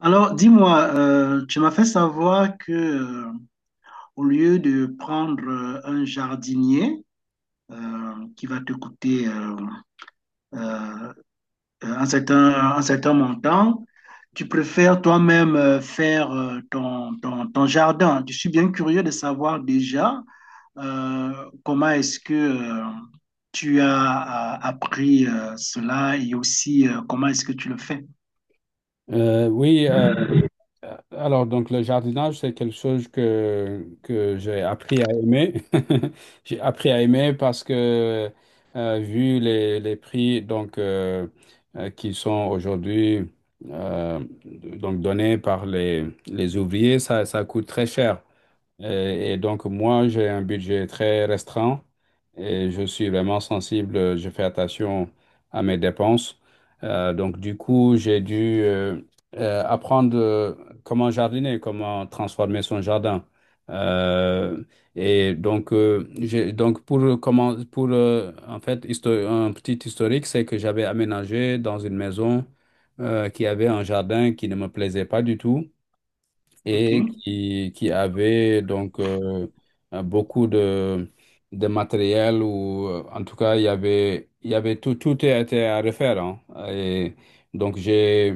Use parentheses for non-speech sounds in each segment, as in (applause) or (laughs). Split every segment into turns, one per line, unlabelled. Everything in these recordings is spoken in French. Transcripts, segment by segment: Alors, dis-moi, tu m'as fait savoir que, au lieu de prendre un jardinier qui va te coûter euh, un certain montant. Tu préfères toi-même faire ton jardin. Je suis bien curieux de savoir déjà comment est-ce que tu as appris cela, et aussi comment est-ce que tu le fais.
Euh, oui, euh, alors donc le jardinage, c'est quelque chose que j'ai appris à aimer. (laughs) J'ai appris à aimer parce que vu les prix qui sont aujourd'hui donc donnés par les ouvriers, ça coûte très cher. Et donc, moi, j'ai un budget très restreint et je suis vraiment sensible. Je fais attention à mes dépenses. Du coup, j'ai dû apprendre comment jardiner, comment transformer son jardin. Euh, donc pour un petit historique, c'est que j'avais aménagé dans une maison qui avait un jardin qui ne me plaisait pas du tout
OK?
et qui avait donc beaucoup de matériel ou en tout cas il y avait tout était à refaire hein. Et donc j'ai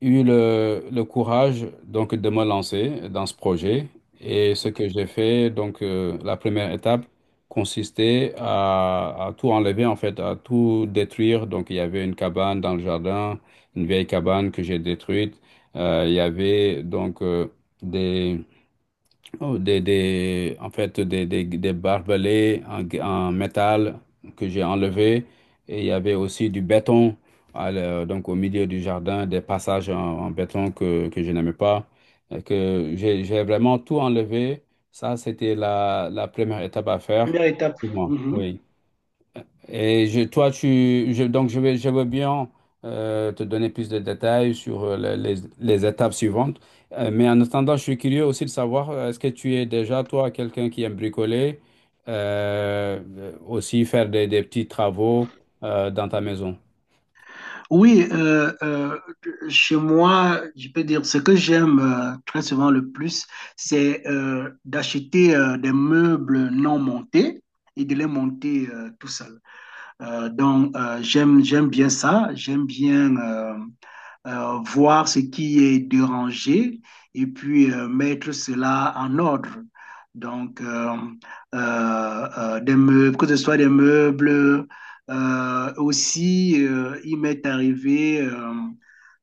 eu le courage donc de me lancer dans ce projet. Et ce
OK.
que j'ai fait, la première étape consistait à tout enlever en fait, à tout détruire. Donc il y avait une cabane dans le jardin, une vieille cabane que j'ai détruite. Il y avait donc des Oh, des, en fait, des barbelés en métal que j'ai enlevés. Et il y avait aussi du béton, donc au milieu du jardin, des passages en béton que je n'aimais pas. Et que j'ai vraiment tout enlevé. Ça, c'était la première étape à faire
Première étape.
pour moi.
Mhm.
Oui. Et je- toi, tu, je- donc je vais, Je veux bien te donner plus de détails sur les étapes suivantes. Mais en attendant, je suis curieux aussi de savoir, est-ce que tu es déjà, toi, quelqu'un qui aime bricoler, aussi faire des petits travaux dans ta maison?
Oui, chez moi, je peux dire, ce que j'aime très souvent le plus, c'est d'acheter des meubles non montés et de les monter tout seul. Donc j'aime bien ça, j'aime bien voir ce qui est dérangé et puis mettre cela en ordre. Donc, des meubles, que ce soit des meubles, aussi, il m'est arrivé euh,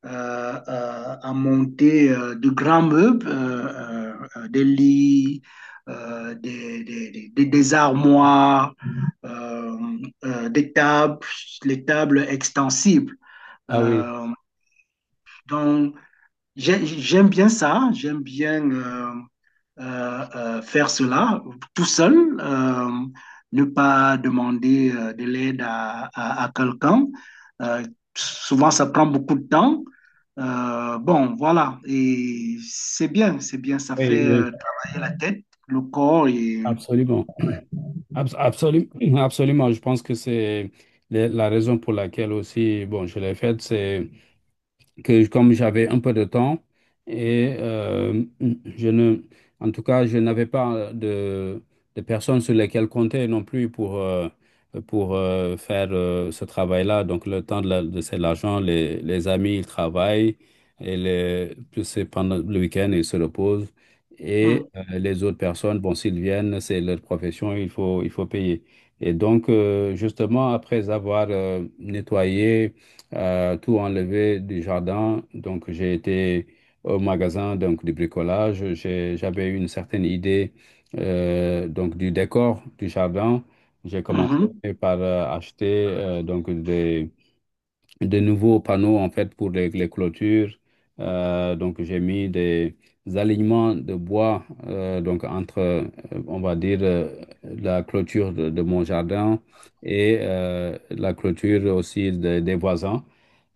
euh, euh, à monter de grands meubles, des lits, des armoires, euh, des tables, les tables extensibles.
Ah oui,
Euh, donc, j'aime bien ça, j'aime bien faire cela tout seul, euh, ne pas demander de l'aide à quelqu'un. Euh, Souvent, ça prend beaucoup de temps. Bon, voilà, et c'est bien, ça
oui,
fait
oui,
travailler la tête, le corps et...
absolument. Absolument. (clears throat) Absolument, je pense que c'est la raison pour laquelle aussi, bon, je l'ai faite, c'est que comme j'avais un peu de temps et je ne, en tout cas, je n'avais pas de personnes sur lesquelles compter non plus pour faire ce travail-là. Donc, le temps de, la- de c'est l'argent, les amis, ils travaillent et les, puis c'est pendant le week-end, ils se reposent.
Hum,
Les autres personnes, bon, s'ils viennent, c'est leur profession, il faut payer. Et donc, justement, après avoir nettoyé, tout enlevé du jardin. Donc, j'ai été au magasin donc, du bricolage. J'avais une certaine idée du décor du jardin. J'ai commencé
mhm,
par acheter donc, des de nouveaux panneaux en fait pour les clôtures. Donc j'ai mis des alignements de bois donc entre on va dire la clôture de mon jardin et la clôture aussi des voisins.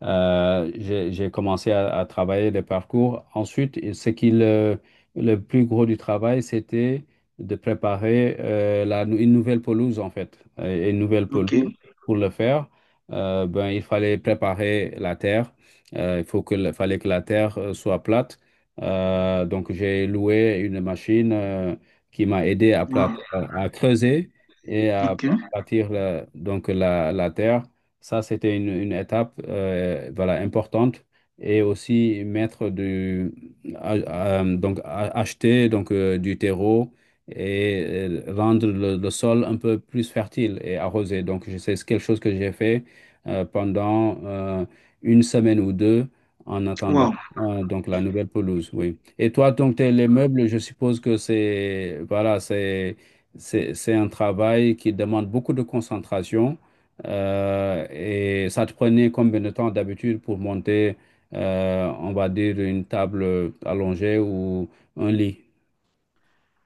J'ai commencé à travailler les parcours. Ensuite, le plus gros du travail, c'était de préparer une nouvelle pelouse en fait. Une nouvelle
ok,
pelouse, pour le faire il fallait préparer la terre. Il faut que, le- Fallait que la terre soit plate. Donc, j'ai loué une machine qui m'a aidé
wow,
à creuser et à
ok,
bâtir la terre. Ça, c'était une étape importante. Et aussi mettre du acheter donc, du terreau et rendre le sol un peu plus fertile et arrosé. C'est quelque chose que j'ai fait pendant une semaine ou deux en attendant
wow.
donc la nouvelle pelouse, oui. Et toi, les meubles, je suppose que c'est voilà, c'est un travail qui demande beaucoup de concentration, et ça te prenait combien de temps d'habitude pour monter, on va dire, une table allongée ou un lit?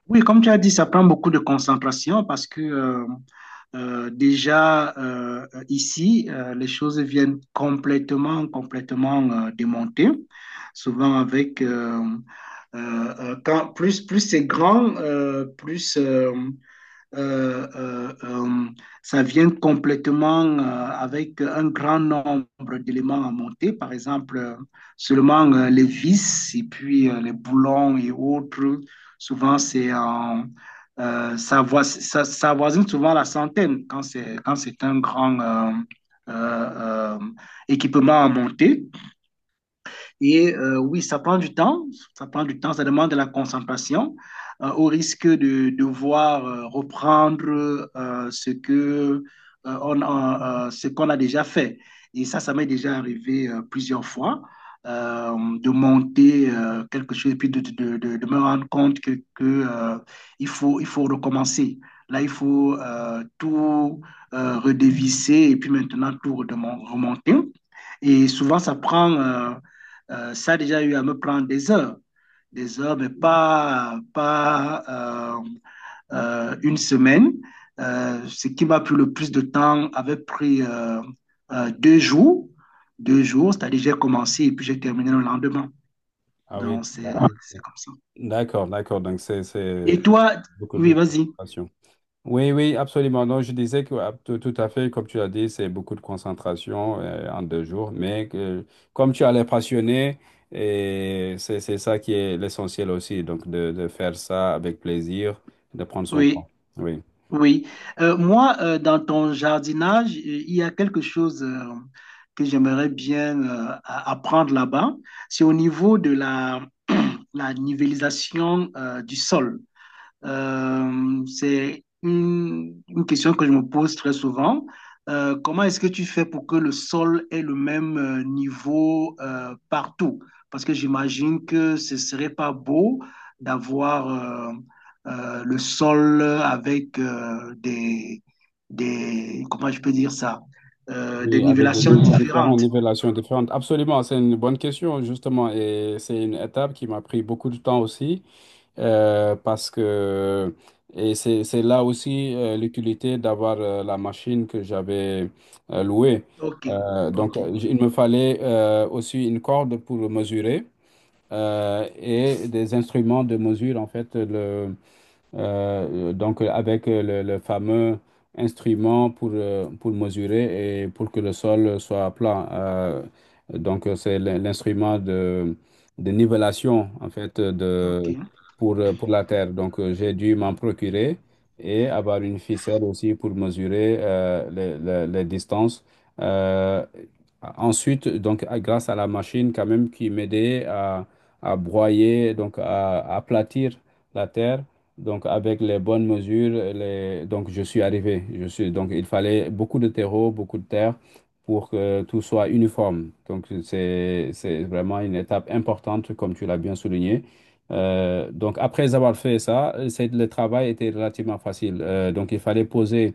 Oui, comme tu as dit, ça prend beaucoup de concentration parce que déjà ici, les choses viennent complètement, démontées, souvent avec quand plus c'est grand, plus euh, euh, euh, ça vient complètement avec un grand nombre d'éléments à monter, par exemple seulement les vis et puis les boulons et autres. Souvent, c'est en ça, voi- ça avoisine souvent la centaine quand c'est un grand euh, euh, équipement à monter. Et oui, ça prend du temps, ça prend du temps, ça demande de la concentration, au risque de devoir reprendre ce qu'on a déjà fait. Et ça m'est déjà arrivé plusieurs fois, de monter quelque chose et puis de me rendre compte que, il faut recommencer. Là, il faut tout redévisser et puis maintenant tout remonter. Et souvent, ça prend, ça a déjà eu à me prendre des heures, mais pas, pas une semaine. Ce qui m'a pris le plus de temps avait pris euh, deux jours, deux jours, c'est-à-dire j'ai commencé et puis j'ai terminé le lendemain.
Ah oui,
Donc, c'est comme ça.
d'accord. Donc c'est
Et toi,
beaucoup
oui,
de
vas-y,
concentration. Oui, Absolument. Non, je disais que ah, tout à fait, comme tu l'as dit, c'est beaucoup de concentration en deux jours, mais que, comme tu as l'air passionné, et c'est ça qui est l'essentiel aussi, donc de faire ça avec plaisir, de prendre son
oui.
temps. Oui.
Oui, moi, dans ton jardinage, il y a quelque chose que j'aimerais bien apprendre là-bas. C'est au niveau de la, (clears throat) la nivellisation du sol. C'est une question que je me pose très souvent. Comment est-ce que tu fais pour que le sol ait le même niveau partout? Parce que j'imagine que ce serait pas beau d'avoir le sol avec des, comment je peux dire ça? Des
Oui, avec des
nivellations
niveaux différents,
différentes.
nivellations différentes. Absolument, c'est une bonne question, justement, et c'est une étape qui m'a pris beaucoup de temps aussi, parce que c'est là aussi l'utilité d'avoir la machine que j'avais louée.
Ok, ok,
Il me fallait aussi une corde pour mesurer et des instruments de mesure, en fait, donc avec le fameux instrument pour mesurer et pour que le sol soit plat. Donc c'est l'instrument de nivellation en fait de,
ok,
pour la terre. Donc j'ai dû m'en procurer et avoir une ficelle aussi pour mesurer les distances. Euh, Ensuite, grâce à la machine quand même qui m'aidait à broyer, donc à aplatir la terre donc, avec les bonnes mesures. Les... donc je suis arrivé. Je suis... Donc, il fallait beaucoup de terreau, beaucoup de terre pour que tout soit uniforme. Donc, c'est vraiment une étape importante, comme tu l'as bien souligné. Donc, après avoir fait ça, c'est... le travail était relativement facile. Donc, il fallait poser.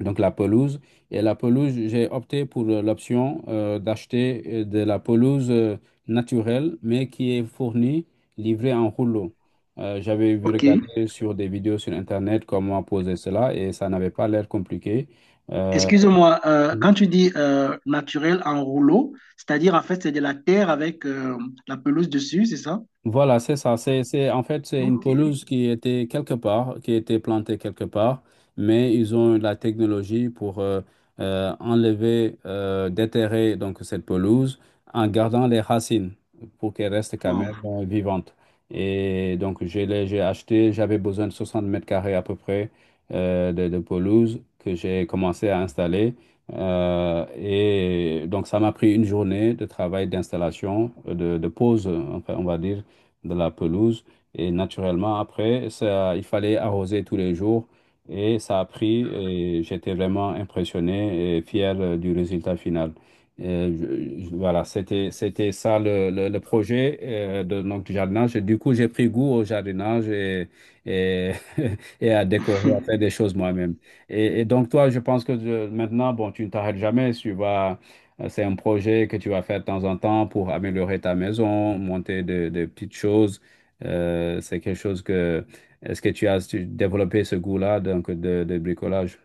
Donc la pelouse. Et la pelouse, j'ai opté pour l'option d'acheter de la pelouse naturelle, mais qui est fournie, livrée en rouleau. J'avais vu
ok.
regarder sur des vidéos sur Internet comment poser cela et ça n'avait pas l'air compliqué. Euh,
Excuse-moi, quand tu dis naturel en rouleau, c'est-à-dire en fait c'est de la terre avec la pelouse dessus, c'est ça?
Voilà, c'est ça. C'est une
Ok.
pelouse qui était quelque part, qui était plantée quelque part, mais ils ont eu la technologie pour enlever, déterrer donc cette pelouse en gardant les racines pour qu'elle reste quand même
Wow.
vivante. Et donc, j'ai acheté, j'avais besoin de 60 mètres carrés à peu près de pelouse que j'ai commencé à installer. Et donc, ça m'a pris une journée de travail d'installation, de pause, enfin, on va dire de la pelouse. Et naturellement, après, ça, il fallait arroser tous les jours. Et ça a pris et j'étais vraiment impressionné et fier du résultat final. C'était c'était ça le projet du jardinage. Et du coup, j'ai pris goût au jardinage, et, (laughs) et à décorer, à faire des
(laughs)
choses moi-même. Et toi, je pense que maintenant, bon, tu ne t'arrêtes jamais, tu vas c'est un projet que tu vas faire de temps en temps pour améliorer ta maison, monter de petites choses. C'est quelque chose que... Est-ce que tu as développé ce goût-là donc de bricolage?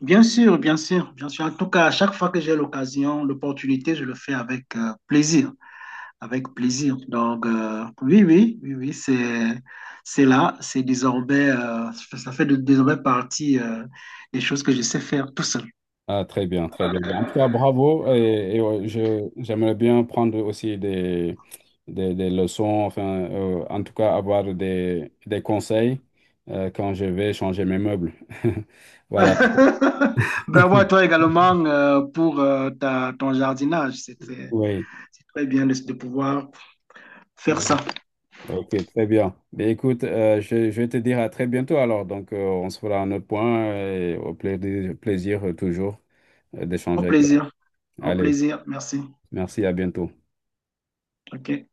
Bien sûr, bien sûr, bien sûr. En tout cas, à chaque fois que j'ai l'occasion, l'opportunité, je le fais avec plaisir, avec plaisir. Donc, oui, oui, oui, oui, c'est là, c'est désormais, ça fait désormais partie des choses que je sais faire tout seul.
Ah, très bien. Ben, en tout cas, bravo. Ouais, j'aimerais bien prendre aussi des leçons, enfin, en tout cas, avoir des conseils quand je vais changer mes meubles. (laughs) Voilà.
(laughs) Bravo à toi également pour ta, ton jardinage.
Oui.
C'est très bien de pouvoir faire ça.
Oh. Ok, très bien. Ben, écoute, je vais te dire à très bientôt alors. Donc, on se fera un autre point et au plaisir, toujours
Au
d'échanger avec toi.
plaisir. Au
Allez,
plaisir. Merci.
merci, à bientôt.
OK.